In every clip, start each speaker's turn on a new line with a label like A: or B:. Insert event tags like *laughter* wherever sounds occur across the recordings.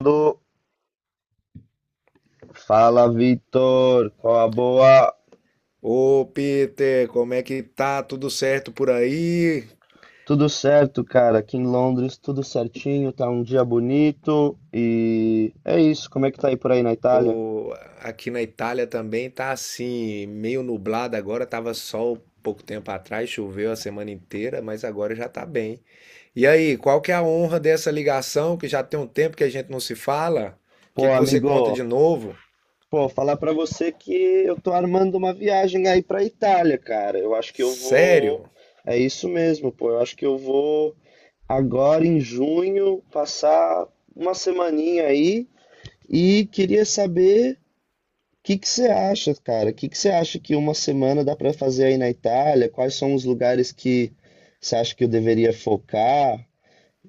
A: Aldo. Fala, Vitor. Qual a boa?
B: Ô Peter, como é que tá? Tudo certo por aí?
A: Tudo certo, cara. Aqui em Londres, tudo certinho. Tá um dia bonito e é isso. Como é que tá aí por aí na Itália?
B: Pô, aqui na Itália também tá assim, meio nublado agora, tava sol pouco tempo atrás, choveu a semana inteira, mas agora já tá bem. E aí, qual que é a honra dessa ligação que já tem um tempo que a gente não se fala? O
A: Pô,
B: que que você conta de
A: amigo,
B: novo?
A: pô, falar pra você que eu tô armando uma viagem aí pra Itália, cara. Eu acho que eu vou.
B: Sério?
A: É isso mesmo, pô. Eu acho que eu vou agora em junho passar uma semaninha aí e queria saber. Que você acha, cara? O que que você acha que uma semana dá para fazer aí na Itália? Quais são os lugares que você acha que eu deveria focar?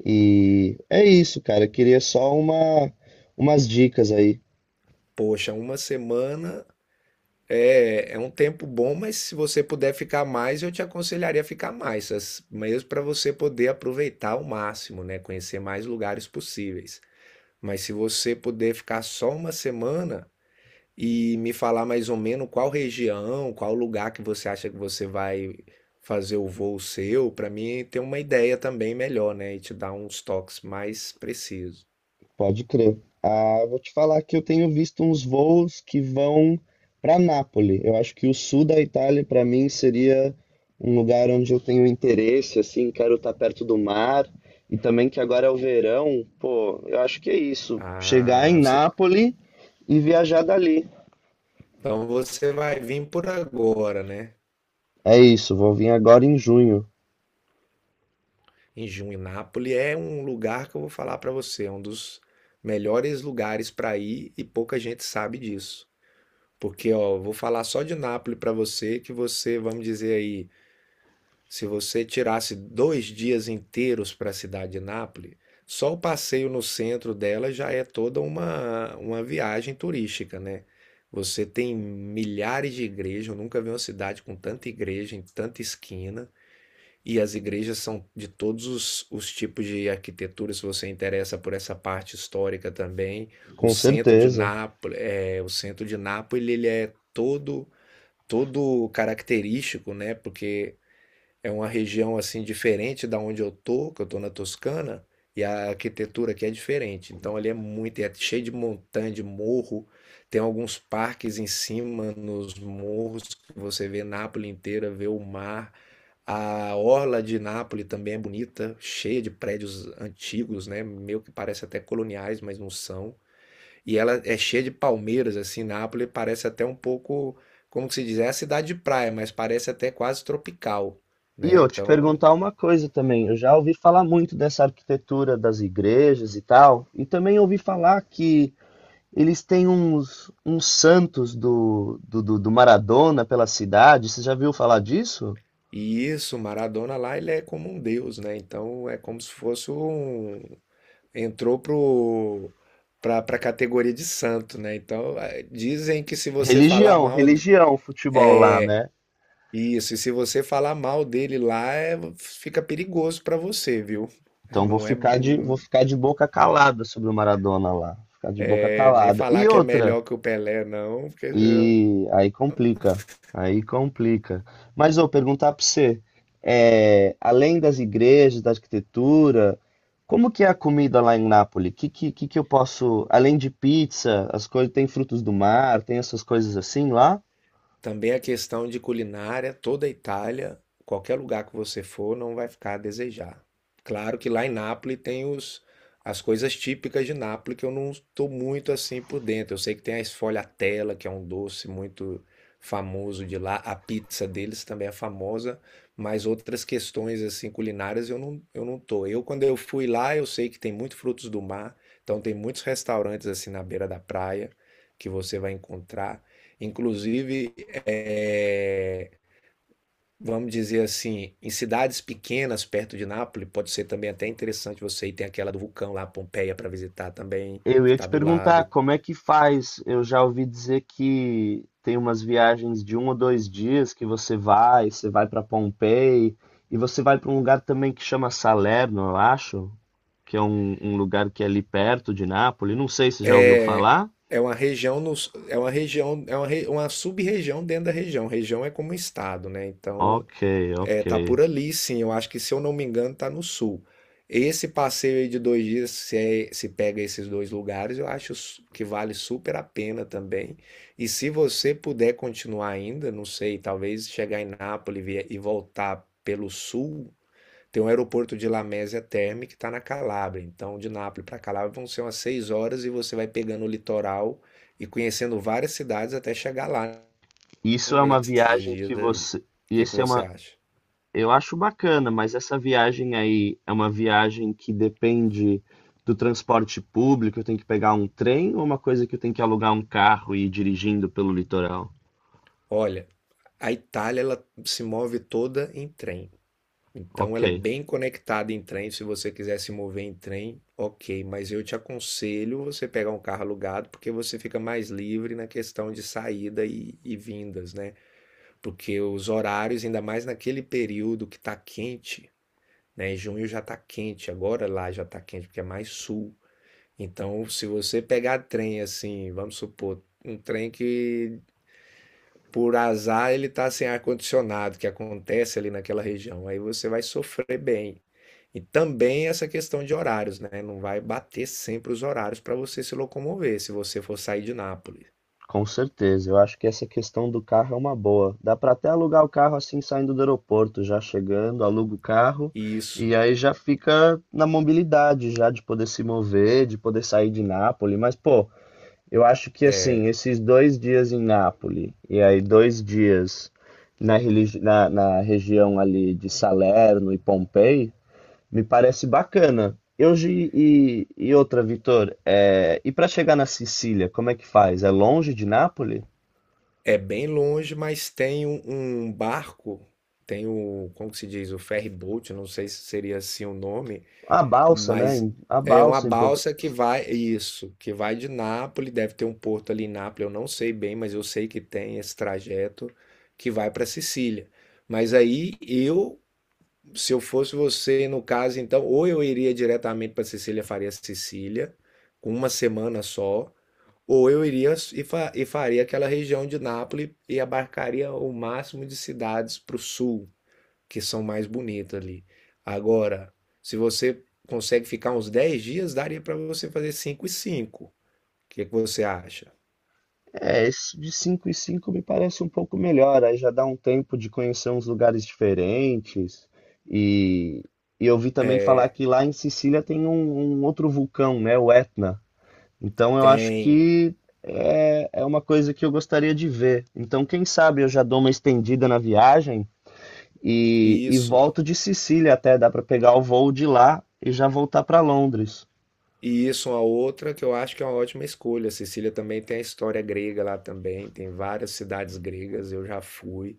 A: E é isso, cara. Eu queria só umas dicas aí.
B: Poxa, uma semana. É um tempo bom, mas se você puder ficar mais, eu te aconselharia a ficar mais, mesmo para você poder aproveitar ao máximo, né? Conhecer mais lugares possíveis. Mas se você puder ficar só uma semana e me falar mais ou menos qual região, qual lugar que você acha que você vai fazer o voo seu, para mim ter uma ideia também melhor, né? E te dar uns toques mais precisos.
A: Pode crer. Ah, vou te falar que eu tenho visto uns voos que vão para Nápoles. Eu acho que o sul da Itália, para mim, seria um lugar onde eu tenho interesse, assim, quero estar perto do mar. E também que agora é o verão, pô, eu acho que é isso. Chegar em
B: Ah, você-
A: Nápoles e viajar dali.
B: então você vai vir por agora, né?
A: É isso, vou vir agora em junho,
B: Em Juinápolis é um lugar que eu vou falar para você, é um dos melhores lugares para ir e pouca gente sabe disso. Porque, ó, eu vou falar só de Nápoles para você, que você, vamos dizer aí, se você tirasse 2 dias inteiros para a cidade de Nápoles, só o passeio no centro dela já é toda uma viagem turística, né? Você tem milhares de igrejas, eu nunca vi uma cidade com tanta igreja em tanta esquina. E as igrejas são de todos os tipos de arquitetura, se você interessa por essa parte histórica também. O
A: com
B: centro de
A: certeza.
B: Nápoles, é, o centro de Nápoles, ele é todo característico, né? Porque é uma região assim diferente da onde eu tô, que eu tô na Toscana, e a arquitetura aqui é diferente. Então ali é muito, é cheio de montanha, de morro. Tem alguns parques em cima nos morros que você vê Nápoles inteira, vê o mar. A orla de Nápoles também é bonita, cheia de prédios antigos, né? Meio que parece até coloniais, mas não são. E ela é cheia de palmeiras, assim, Nápoles parece até um pouco, como que se diz, é a cidade de praia, mas parece até quase tropical,
A: E
B: né?
A: eu te
B: Então,
A: perguntar uma coisa também. Eu já ouvi falar muito dessa arquitetura das igrejas e tal, e também ouvi falar que eles têm uns santos do Maradona pela cidade. Você já viu falar disso?
B: e isso, Maradona lá, ele é como um deus, né? Então, é como se fosse um... entrou pro... pra categoria de santo, né? Então, dizem que se você falar
A: Religião,
B: mal
A: religião, futebol lá,
B: é...
A: né?
B: Isso, e se você falar mal dele lá, fica perigoso pra você, viu? *laughs*
A: Então vou
B: Não é,
A: ficar de, vou
B: hum,
A: ficar de boca calada sobre o Maradona lá. Ficar de boca
B: É, nem
A: calada.
B: falar
A: E
B: que é
A: outra.
B: melhor que o Pelé, não, porque
A: E aí complica, aí complica. Mas vou perguntar para você, é, além das igrejas, da arquitetura, como que é a comida lá em Nápoles? Que eu posso, além de pizza, as coisas tem frutos do mar, tem essas coisas assim lá?
B: também a questão de culinária, toda a Itália, qualquer lugar que você for, não vai ficar a desejar. Claro que lá em Nápoles tem as coisas típicas de Nápoles que eu não estou muito assim por dentro. Eu sei que tem a sfogliatella, que é um doce muito famoso de lá. A pizza deles também é famosa, mas outras questões assim culinárias eu não tô. Eu, quando eu fui lá, eu sei que tem muitos frutos do mar, então tem muitos restaurantes assim na beira da praia que você vai encontrar. Inclusive, é, vamos dizer assim, em cidades pequenas perto de Nápoles, pode ser também até interessante você ir. Tem aquela do vulcão lá, Pompeia, para visitar também,
A: Eu
B: que
A: ia
B: está
A: te
B: do
A: perguntar
B: lado.
A: como é que faz. Eu já ouvi dizer que tem umas viagens de 1 ou 2 dias que você vai para Pompei e você vai para um lugar também que chama Salerno, eu acho. Que é um lugar que é ali perto de Nápoles. Não sei se você já ouviu
B: É
A: falar.
B: é uma região, nos, é uma região, é uma sub-região dentro da região. Região é como um estado, né? Então,
A: Ok, ok.
B: é, tá por ali, sim. Eu acho que, se eu não me engano, tá no sul. Esse passeio aí de 2 dias, se pega esses dois lugares, eu acho que vale super a pena também. E se você puder continuar ainda, não sei, talvez chegar em Nápoles e voltar pelo sul, tem um aeroporto de Lamezia Terme que está na Calábria. Então, de Nápoles para Calábria vão ser umas 6 horas e você vai pegando o litoral e conhecendo várias cidades até chegar lá
A: Isso é uma
B: nesses
A: viagem que
B: dias aí.
A: você.
B: O que é que
A: Esse é
B: você
A: uma.
B: acha?
A: Eu acho bacana, mas essa viagem aí é uma viagem que depende do transporte público. Eu tenho que pegar um trem ou uma coisa que eu tenho que alugar um carro e ir dirigindo pelo litoral?
B: Olha. A Itália ela se move toda em trem. Então
A: Ok.
B: ela é bem conectada em trem. Se você quiser se mover em trem, ok. Mas eu te aconselho você pegar um carro alugado, porque você fica mais livre na questão de saída e vindas, né? Porque os horários, ainda mais naquele período que está quente, né? Junho já está quente, agora lá já está quente, porque é mais sul. Então, se você pegar trem assim, vamos supor, um trem que por azar ele está sem ar-condicionado, que acontece ali naquela região. Aí você vai sofrer bem. E também essa questão de horários, né? Não vai bater sempre os horários para você se locomover, se você for sair de Nápoles.
A: Com certeza, eu acho que essa questão do carro é uma boa. Dá para até alugar o carro assim saindo do aeroporto, já chegando, aluga o carro
B: E
A: e
B: isso.
A: aí já fica na mobilidade, já de poder se mover, de poder sair de Nápoles. Mas pô, eu acho que assim,
B: é,
A: esses 2 dias em Nápoles e aí 2 dias na região ali de Salerno e Pompei me parece bacana. E hoje e outra, Vitor, é, e para chegar na Sicília, como é que faz? É longe de Nápoles?
B: é bem longe, mas tem um barco, tem o, como que se diz, o ferry boat, não sei se seria assim o nome,
A: A balsa, né?
B: mas
A: A
B: é uma
A: balsa em Porto.
B: balsa que vai, isso, que vai de Nápoles, deve ter um porto ali em Nápoles, eu não sei bem, mas eu sei que tem esse trajeto que vai para Sicília. Mas aí eu, se eu fosse você, no caso, então, ou eu iria diretamente para Sicília, faria Sicília, com uma semana só, ou eu iria e faria aquela região de Nápoles e abarcaria o máximo de cidades para o sul que são mais bonitos ali. Agora, se você consegue ficar uns 10 dias, daria para você fazer 5 e 5. O que que você acha?
A: É, isso de 5 e 5 me parece um pouco melhor. Aí já dá um tempo de conhecer uns lugares diferentes. E, e eu vi também falar
B: É,
A: que lá em Sicília tem um outro vulcão, né? O Etna. Então eu acho
B: tem
A: que é, é uma coisa que eu gostaria de ver. Então, quem sabe eu já dou uma estendida na viagem. E
B: isso.
A: volto de Sicília até, dá para pegar o voo de lá e já voltar para Londres.
B: E isso é uma outra que eu acho que é uma ótima escolha. Sicília também tem a história grega lá também, tem várias cidades gregas, eu já fui.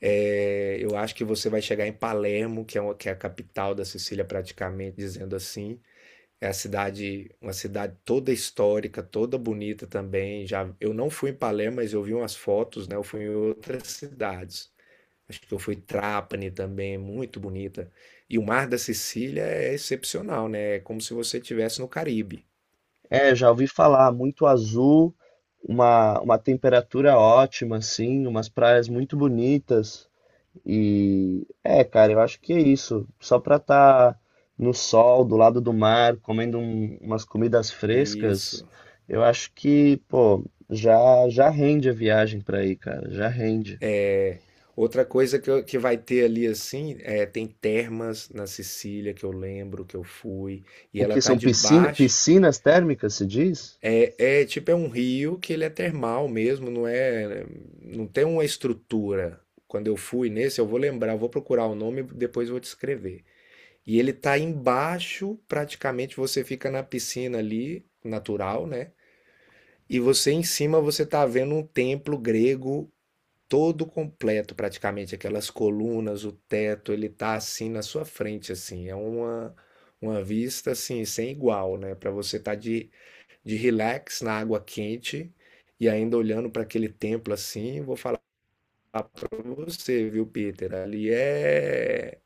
B: É, eu acho que você vai chegar em Palermo, que é, uma, que é a capital da Sicília praticamente, dizendo assim. É a cidade, uma cidade toda histórica, toda bonita também. Já eu não fui em Palermo, mas eu vi umas fotos, né? Eu fui em outras cidades. Acho que eu fui em Trapani também, muito bonita. E o mar da Sicília é excepcional, né? É como se você estivesse no Caribe.
A: É, já ouvi falar, muito azul, uma temperatura ótima, assim, umas praias muito bonitas. E é, cara, eu acho que é isso. Só pra estar no sol, do lado do mar, comendo umas comidas frescas,
B: Isso.
A: eu acho que, pô, já já rende a viagem pra aí, cara, já rende.
B: É. Outra coisa que, que vai ter ali assim, é, tem termas na Sicília que eu lembro que eu fui, e
A: O
B: ela
A: que
B: tá
A: são
B: debaixo.
A: piscinas térmicas, se diz?
B: É tipo, é um rio que ele é termal mesmo, não é, não tem uma estrutura. Quando eu fui nesse, eu vou lembrar, eu vou procurar o nome e depois eu vou te escrever. E ele tá embaixo, praticamente você fica na piscina ali, natural, né? E você em cima você tá vendo um templo grego todo completo, praticamente aquelas colunas, o teto, ele tá assim na sua frente assim, é uma vista assim sem igual, né? Para você tá de relax na água quente e ainda olhando para aquele templo assim, vou falar para você, viu, Peter? Ali é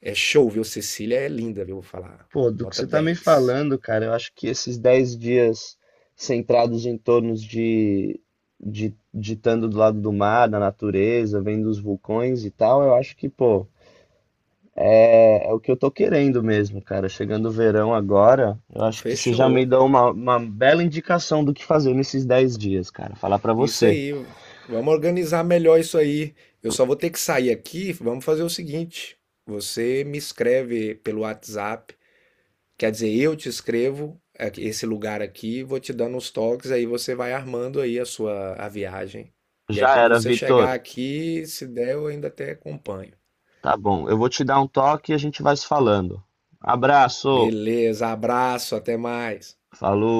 B: é show, viu? Cecília é linda, viu? Vou falar.
A: Pô, do que
B: Nota
A: você tá me
B: dez.
A: falando, cara, eu acho que esses 10 dias centrados em torno de estando do lado do mar, da natureza, vendo os vulcões e tal, eu acho que, pô, é, é o que eu tô querendo mesmo, cara. Chegando o verão agora, eu acho que você já me
B: Fechou.
A: deu uma bela indicação do que fazer nesses 10 dias, cara. Falar pra
B: Isso
A: você.
B: aí. Vamos organizar melhor isso aí. Eu só vou ter que sair aqui. Vamos fazer o seguinte. Você me escreve pelo WhatsApp. Quer dizer, eu te escrevo esse lugar aqui, vou te dando os toques, aí você vai armando aí a sua a viagem. E aí
A: Já
B: quando
A: era,
B: você chegar
A: Vitor.
B: aqui, se der, eu ainda até acompanho.
A: Tá bom, eu vou te dar um toque e a gente vai se falando. Abraço,
B: Beleza, abraço, até mais.
A: falou.